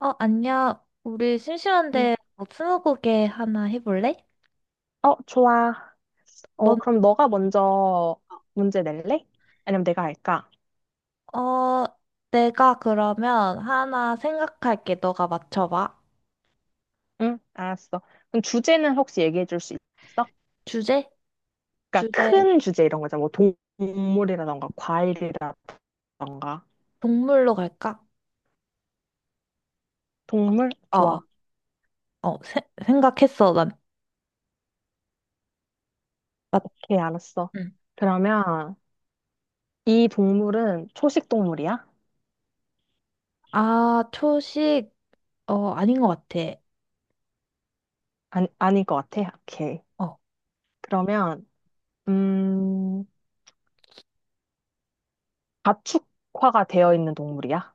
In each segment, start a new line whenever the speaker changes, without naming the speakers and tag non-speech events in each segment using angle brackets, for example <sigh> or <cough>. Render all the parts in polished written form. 안녕. 우리
음.
심심한데 뭐 스무고개 하나 해볼래?
어, 좋아.
뭔
그럼 너가 먼저 문제 낼래? 아니면 내가 할까?
어, 내가 그러면 하나 생각할게. 너가 맞춰봐.
응, 알았어. 그럼 주제는 혹시 얘기해 줄 수 있어?
주제?
그러니까
주제
큰 주제 이런 거잖아. 뭐 동물이라던가 과일이라던가.
동물로 갈까?
동물?
어, 어,
좋아.
생각했어. 난, 맞,
오케이, 알았어.
응.
그러면 이 동물은 초식 동물이야?
아, 초식, 아닌 것 같아.
아니, 아닐 것 같아. 오케이.
어,
그러면 음, 가축화가 되어 있는 동물이야?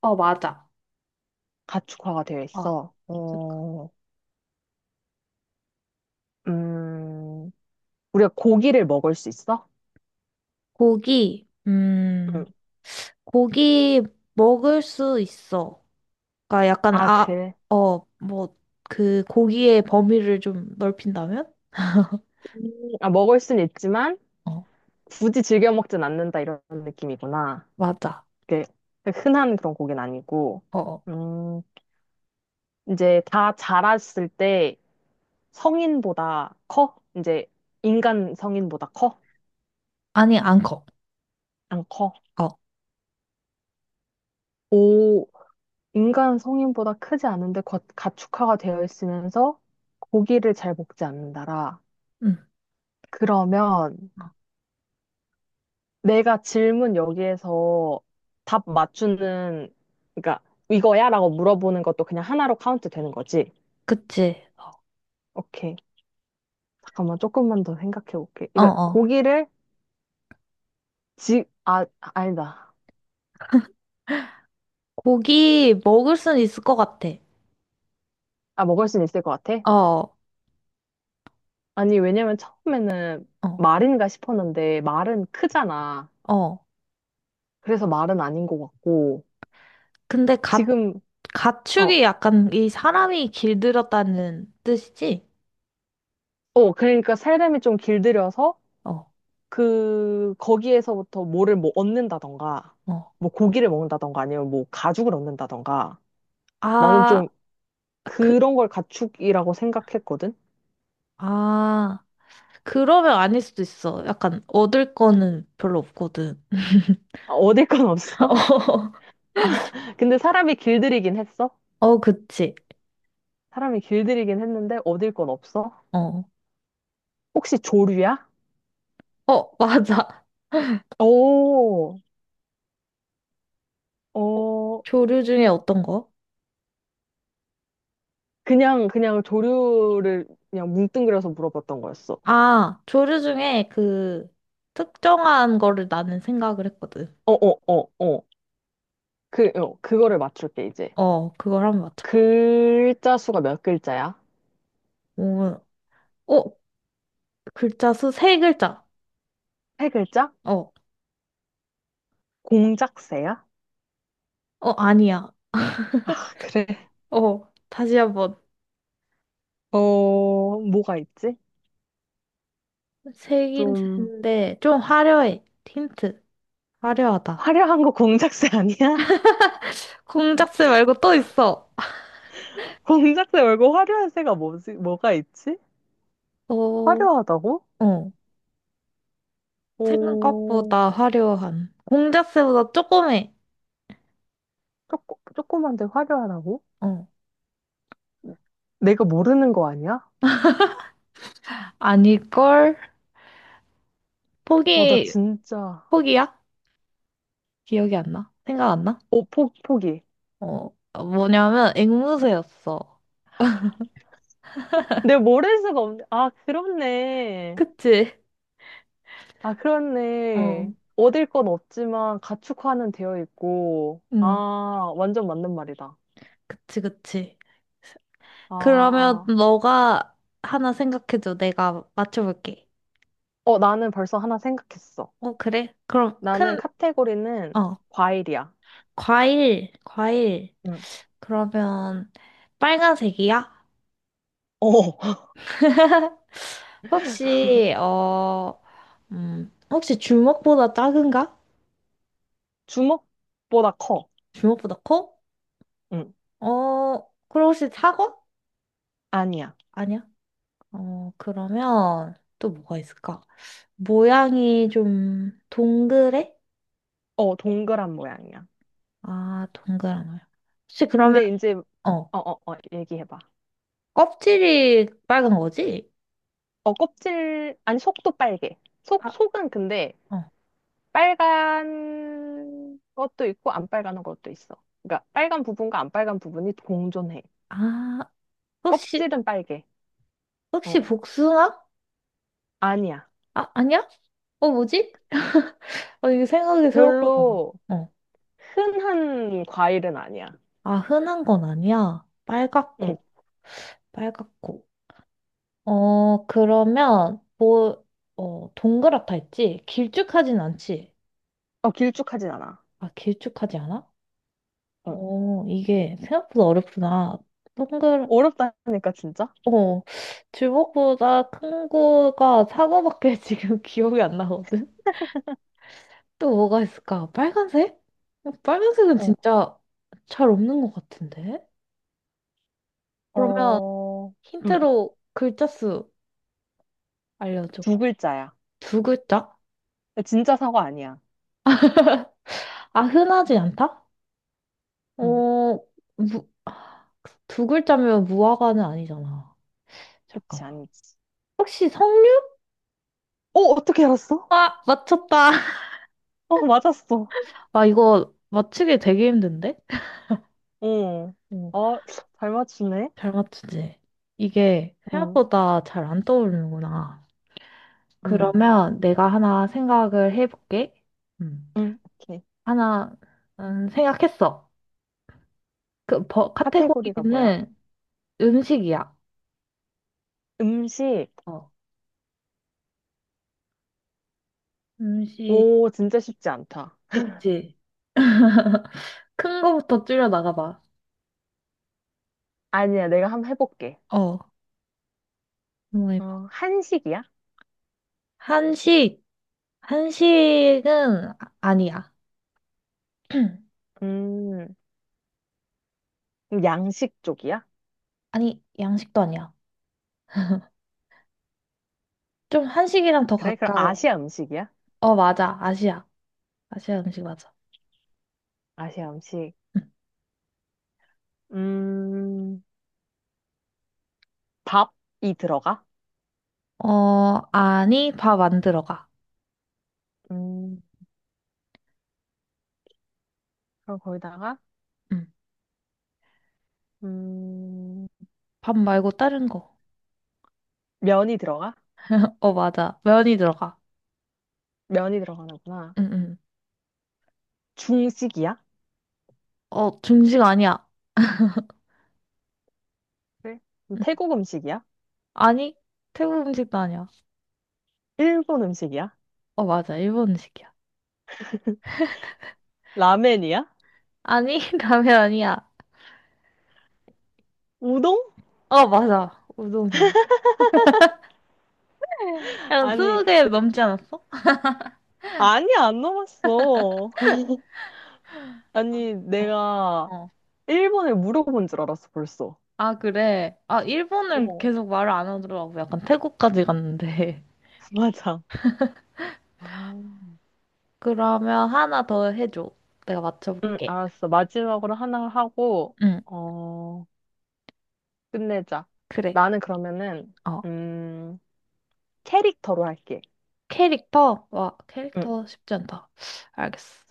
맞아.
가축화가 되어
어.
있어.
잠깐.
음, 우리가 고기를 먹을 수 있어?
고기,
응.
고기 먹을 수 있어. 그러니까 약간
아,
아,
그래.
뭐 그 고기의 범위를 좀 넓힌다면? <laughs>
음, 아, 먹을 순 있지만
어,
굳이 즐겨 먹진 않는다 이런 느낌이구나.
맞아.
그 흔한 그런 고기는 아니고.
어, 어.
음, 이제 다 자랐을 때 성인보다 커? 이제 인간 성인보다 커?
아니, 안 커.
안 커?
어,
오, 인간 성인보다 크지 않은데 가축화가 되어 있으면서 고기를 잘 먹지 않는다라.
응.
그러면
어.
내가 질문 여기에서 답 맞추는, 그러니까 이거야? 라고 물어보는 것도 그냥 하나로 카운트 되는 거지.
그치.
오케이. 잠깐만, 조금만 더 생각해 볼게.
어,
이거
어,
고기를 아, 아니다.
고기 먹을 수는 있을 것 같아.
아, 먹을 수는 있을 것 같아?
어,
아니, 왜냐면 처음에는
어,
말인가 싶었는데, 말은 크잖아.
어.
그래서 말은 아닌 것 같고,
근데
지금, 어,
가축이 약간 이 사람이 길들였다는 뜻이지?
그러니까 살림이 좀 길들여서
어,
거기에서부터 뭐를 뭐 얻는다던가,
어.
뭐 고기를 먹는다던가, 아니면 뭐 가죽을 얻는다던가. 나는
아,
좀
그,
그런 걸 가축이라고 생각했거든?
아, 그러면 아닐 수도 있어. 약간 얻을 거는 별로 없거든. <laughs>
아, 얻을 건 없어?
어,
<laughs> 아,
<laughs>
근데 사람이 길들이긴 했어?
어, 그치.
사람이 길들이긴 했는데 얻을 건 없어?
어.
혹시 조류야?
어, 맞아.
오, 어,
조류 중에 어떤 거?
그냥 조류를 그냥 뭉뚱그려서 물어봤던 거였어.
아, 조류 중에 그 특정한 거를 나는 생각을 했거든.
어, 어, 어, 어. 그거를 맞출게, 이제.
어, 그걸 한번 맞춰봐.
글자 수가 몇 글자야?
오, 어, 글자 수 세 글자.
세 글자?
어,
공작새야?
어, 아니야.
아, 그래.
어, 다시 한번.
뭐가 있지?
세
좀
글자인데 좀 화려해. 힌트. 화려하다.
화려한 거 공작새 아니야?
공작새 말고 또 있어.
<laughs> 공작새 말고 화려한 새가 뭐지? 뭐가 있지?
어,
화려하다고?
어.
어,
생각보다 화려한. 공작새보다 조금 해.
조금 조그만데 화려하다고?
어.
내가 모르는 거 아니야?
아닐걸?
나
포기,
진짜.
포기야? 기억이 안 나? 생각 안 나?
포기.
어, 뭐냐면 앵무새였어.
내가 모를 수가 없네. 아, 그렇네.
그치?
아, 그렇네.
어.
얻을 건 없지만 가축화는 되어 있고.
응,
아, 완전 맞는 말이다.
그치, 그치. 그러면
아,
너가 하나 생각해줘. 내가 맞춰볼게.
나는 벌써 하나 생각했어.
어, 그래? 그럼
나는
큰,
카테고리는
어,
과일이야.
과일, 과일.
응.
그러면 빨간색이야?
어, <laughs>
<laughs> 혹시, 혹시 주먹보다 작은가?
주먹보다 커.
주먹보다 커?
응.
어, 그럼 혹시 사과?
아니야.
아니야. 어, 그러면 또 뭐가 있을까? 모양이 좀 동그래?
동그란 모양이야.
아, 동그란 거야. 혹시 그러면,
근데 이제,
어,
얘기해봐.
껍질이 빨간 거지?
껍질, 아니, 속도 빨개. 속,
아,
속은 근데
어.
빨간 것도 있고 안 빨간 것도 있어. 그러니까 빨간 부분과 안 빨간 부분이 공존해.
아, 혹시,
껍질은 빨개. 어,
혹시 복숭아?
아니야.
아, 아니야? 어, 뭐지? 어, 이거 생각이 생각보다. 안
별로
나. 어.
흔한 과일은 아니야.
아, 흔한 건 아니야.
응.
빨갛고, 빨갛고. 어, 그러면, 뭐, 동그랗다 했지? 길쭉하진 않지?
길쭉하진 않아.
아, 길쭉하지 않아?
어.
어, 이게 생각보다 어렵구나. 동글,
어렵다니까, 진짜?
어, 주먹보다 큰 거가 사과밖에 <laughs> 지금 기억이 안 나거든? 또 뭐가 있을까? 빨간색? 어, 빨간색은
어,
진짜 잘 없는 것 같은데? 그러면
어, 음,
힌트로 글자 수 알려줘.
두 글자야.
두 글자?
진짜 사과 아니야.
아, 흔하지 않다? 어,
음,
아, 두 글자면 무화과는 아니잖아.
그치,
잠깐만.
아니지.
혹시 석류?
어, 어떻게 알았어?
아, 맞췄다.
어, 맞았어.
아, 이거 맞히기 되게 힘든데?
어,
어,
어, 잘 맞추네.
잘 맞추지? 이게
음,
생각보다 잘 안 떠오르는구나.
음,
그러면 내가 하나 생각을 해볼게. 음,
오케이.
하나, 생각했어. 그, 버,
카테고리가 뭐야?
카테고리는 음식이야.
음식.
어, 음식,
오, 진짜 쉽지 않다.
그치? 큰 거부터 줄여 나가봐.
아니야, 내가 한번 해볼게.
어, 한번 해봐.
어, 한식이야?
한식, 아니야. <clears throat>
음, 그럼 양식 쪽이야?
아니, 양식도 아니야. 좀 한식이랑 더
그래? 그럼
가까워.
아시아 음식이야?
어, 맞아. 아시아. 아시아 음식 맞아.
아시아 음식.
응.
음, 밥이 들어가?
어, 아니, 밥 안 들어가.
음, 그럼 거기다가
응.
음,
밥 말고 다른 거.
면이 들어가?
어, 맞아. 면이 들어가.
면이 들어가는구나.
응, 응.
중식이야?
어, 중식 아니야.
그 그럼
응.
태국 음식이야?
아니, 태국 음식도 아니야.
일본 음식이야?
어, 맞아. 일본 음식이야.
라멘이야?
아니, <laughs> 라면 아니야.
우동?
어, 맞아. 우동이야. 약간
아니,
스무 개 넘지 않았어?
아니 안 넘었어. <laughs> 아니,
어.
내가
어.
일본을 물어본 줄 알았어, 벌써.
아, 그래. 아, 일본을
어,
계속 말을 안 하더라고. 약간 태국까지 갔는데.
<laughs> 맞아. 아,
<laughs> 그러면 하나 더 해줘. 내가
응,
맞춰볼게.
알았어. 마지막으로 하나 하고,
응,
어, 끝내자.
그래.
나는 그러면은,
어.
음, 캐릭터로 할게.
캐릭터? 와,
응.
캐릭터 쉽지 않다. 알겠어.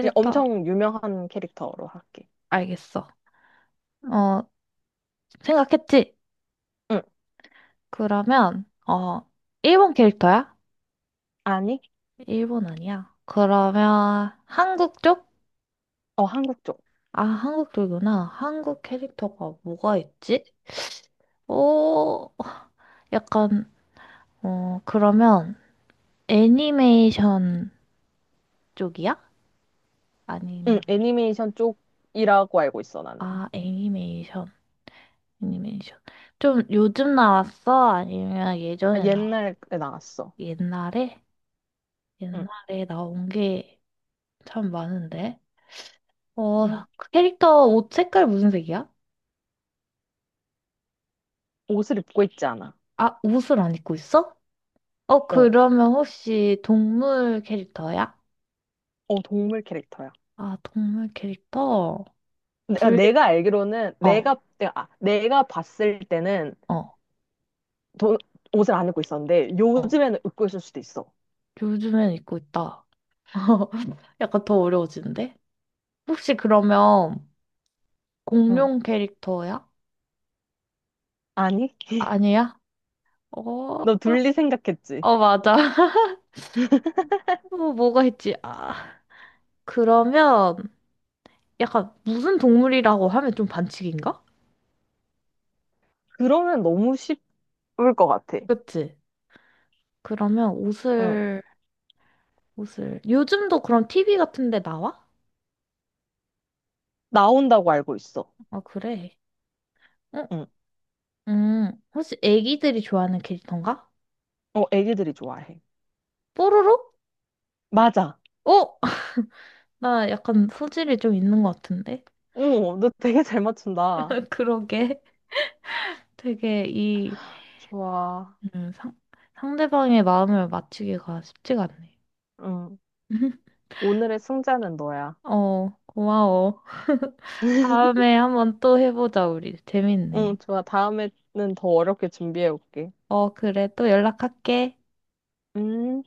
그냥 엄청 유명한 캐릭터로 할게.
알겠어. 어, 생각했지?
응,
그러면, 일본 캐릭터야?
아니?
일본 아니야. 그러면, 한국 쪽?
어, 한국 쪽.
아, 한국 쪽이구나. 한국 캐릭터가 뭐가 있지? 오, 약간, 어, 그러면, 애니메이션 쪽이야?
응,
아니면,
애니메이션 쪽이라고 알고 있어, 나는.
아, 애니메이션, 애니메이션. 좀 요즘 나왔어? 아니면
아,
예전에 나왔어?
옛날에 나왔어.
옛날에?
응,
옛날에 나온 게 참 많은데. 어,
응.
그 캐릭터 옷 색깔 무슨 색이야?
옷을 입고 있지 않아.
아, 옷을 안 입고 있어? 어,
어,
그러면 혹시 동물 캐릭터야?
어, 동물 캐릭터야.
아, 동물 캐릭터?
내가,
둘,
내가 알기로는,
어,
아, 내가 봤을 때는
어,
도, 옷을 안 입고 있었는데,
어.
요즘에는 입고 있을 수도 있어.
요즘엔 입고 있다. <laughs> 약간 더 어려워지는데? 혹시 그러면
응,
공룡 캐릭터야?
아니? <laughs>
아니야? 어,
너 둘리 생각했지?
맞아. <laughs> 어, 뭐가 있지? 아. 그러면 약간 무슨 동물이라고 하면 좀 반칙인가?
그러면 너무 쉽을 것 같아.
그치? 그러면
응,
옷을. 요즘도 그럼 TV 같은 데 나와?
나온다고 알고 있어.
아, 그래. 응,
응,
혹시 애기들이 좋아하는 캐릭터인가?
어, 애기들이 좋아해.
뽀로로?
맞아.
어? <laughs> 나 약간 소질이 좀 있는 것 같은데?
오, 너 되게 잘 맞춘다.
<laughs> 그러게. 되게 이,
좋아.
음, 상, 상대방의 마음을 맞추기가 쉽지가 않네.
응.
<laughs>
오늘의 승자는 너야.
어, 고마워. <laughs> 다음에 한번 또 해보자, 우리.
응,
재밌네.
좋아. 다음에는 더 어렵게 준비해 올게.
어, 그래. 또 연락할게.
음.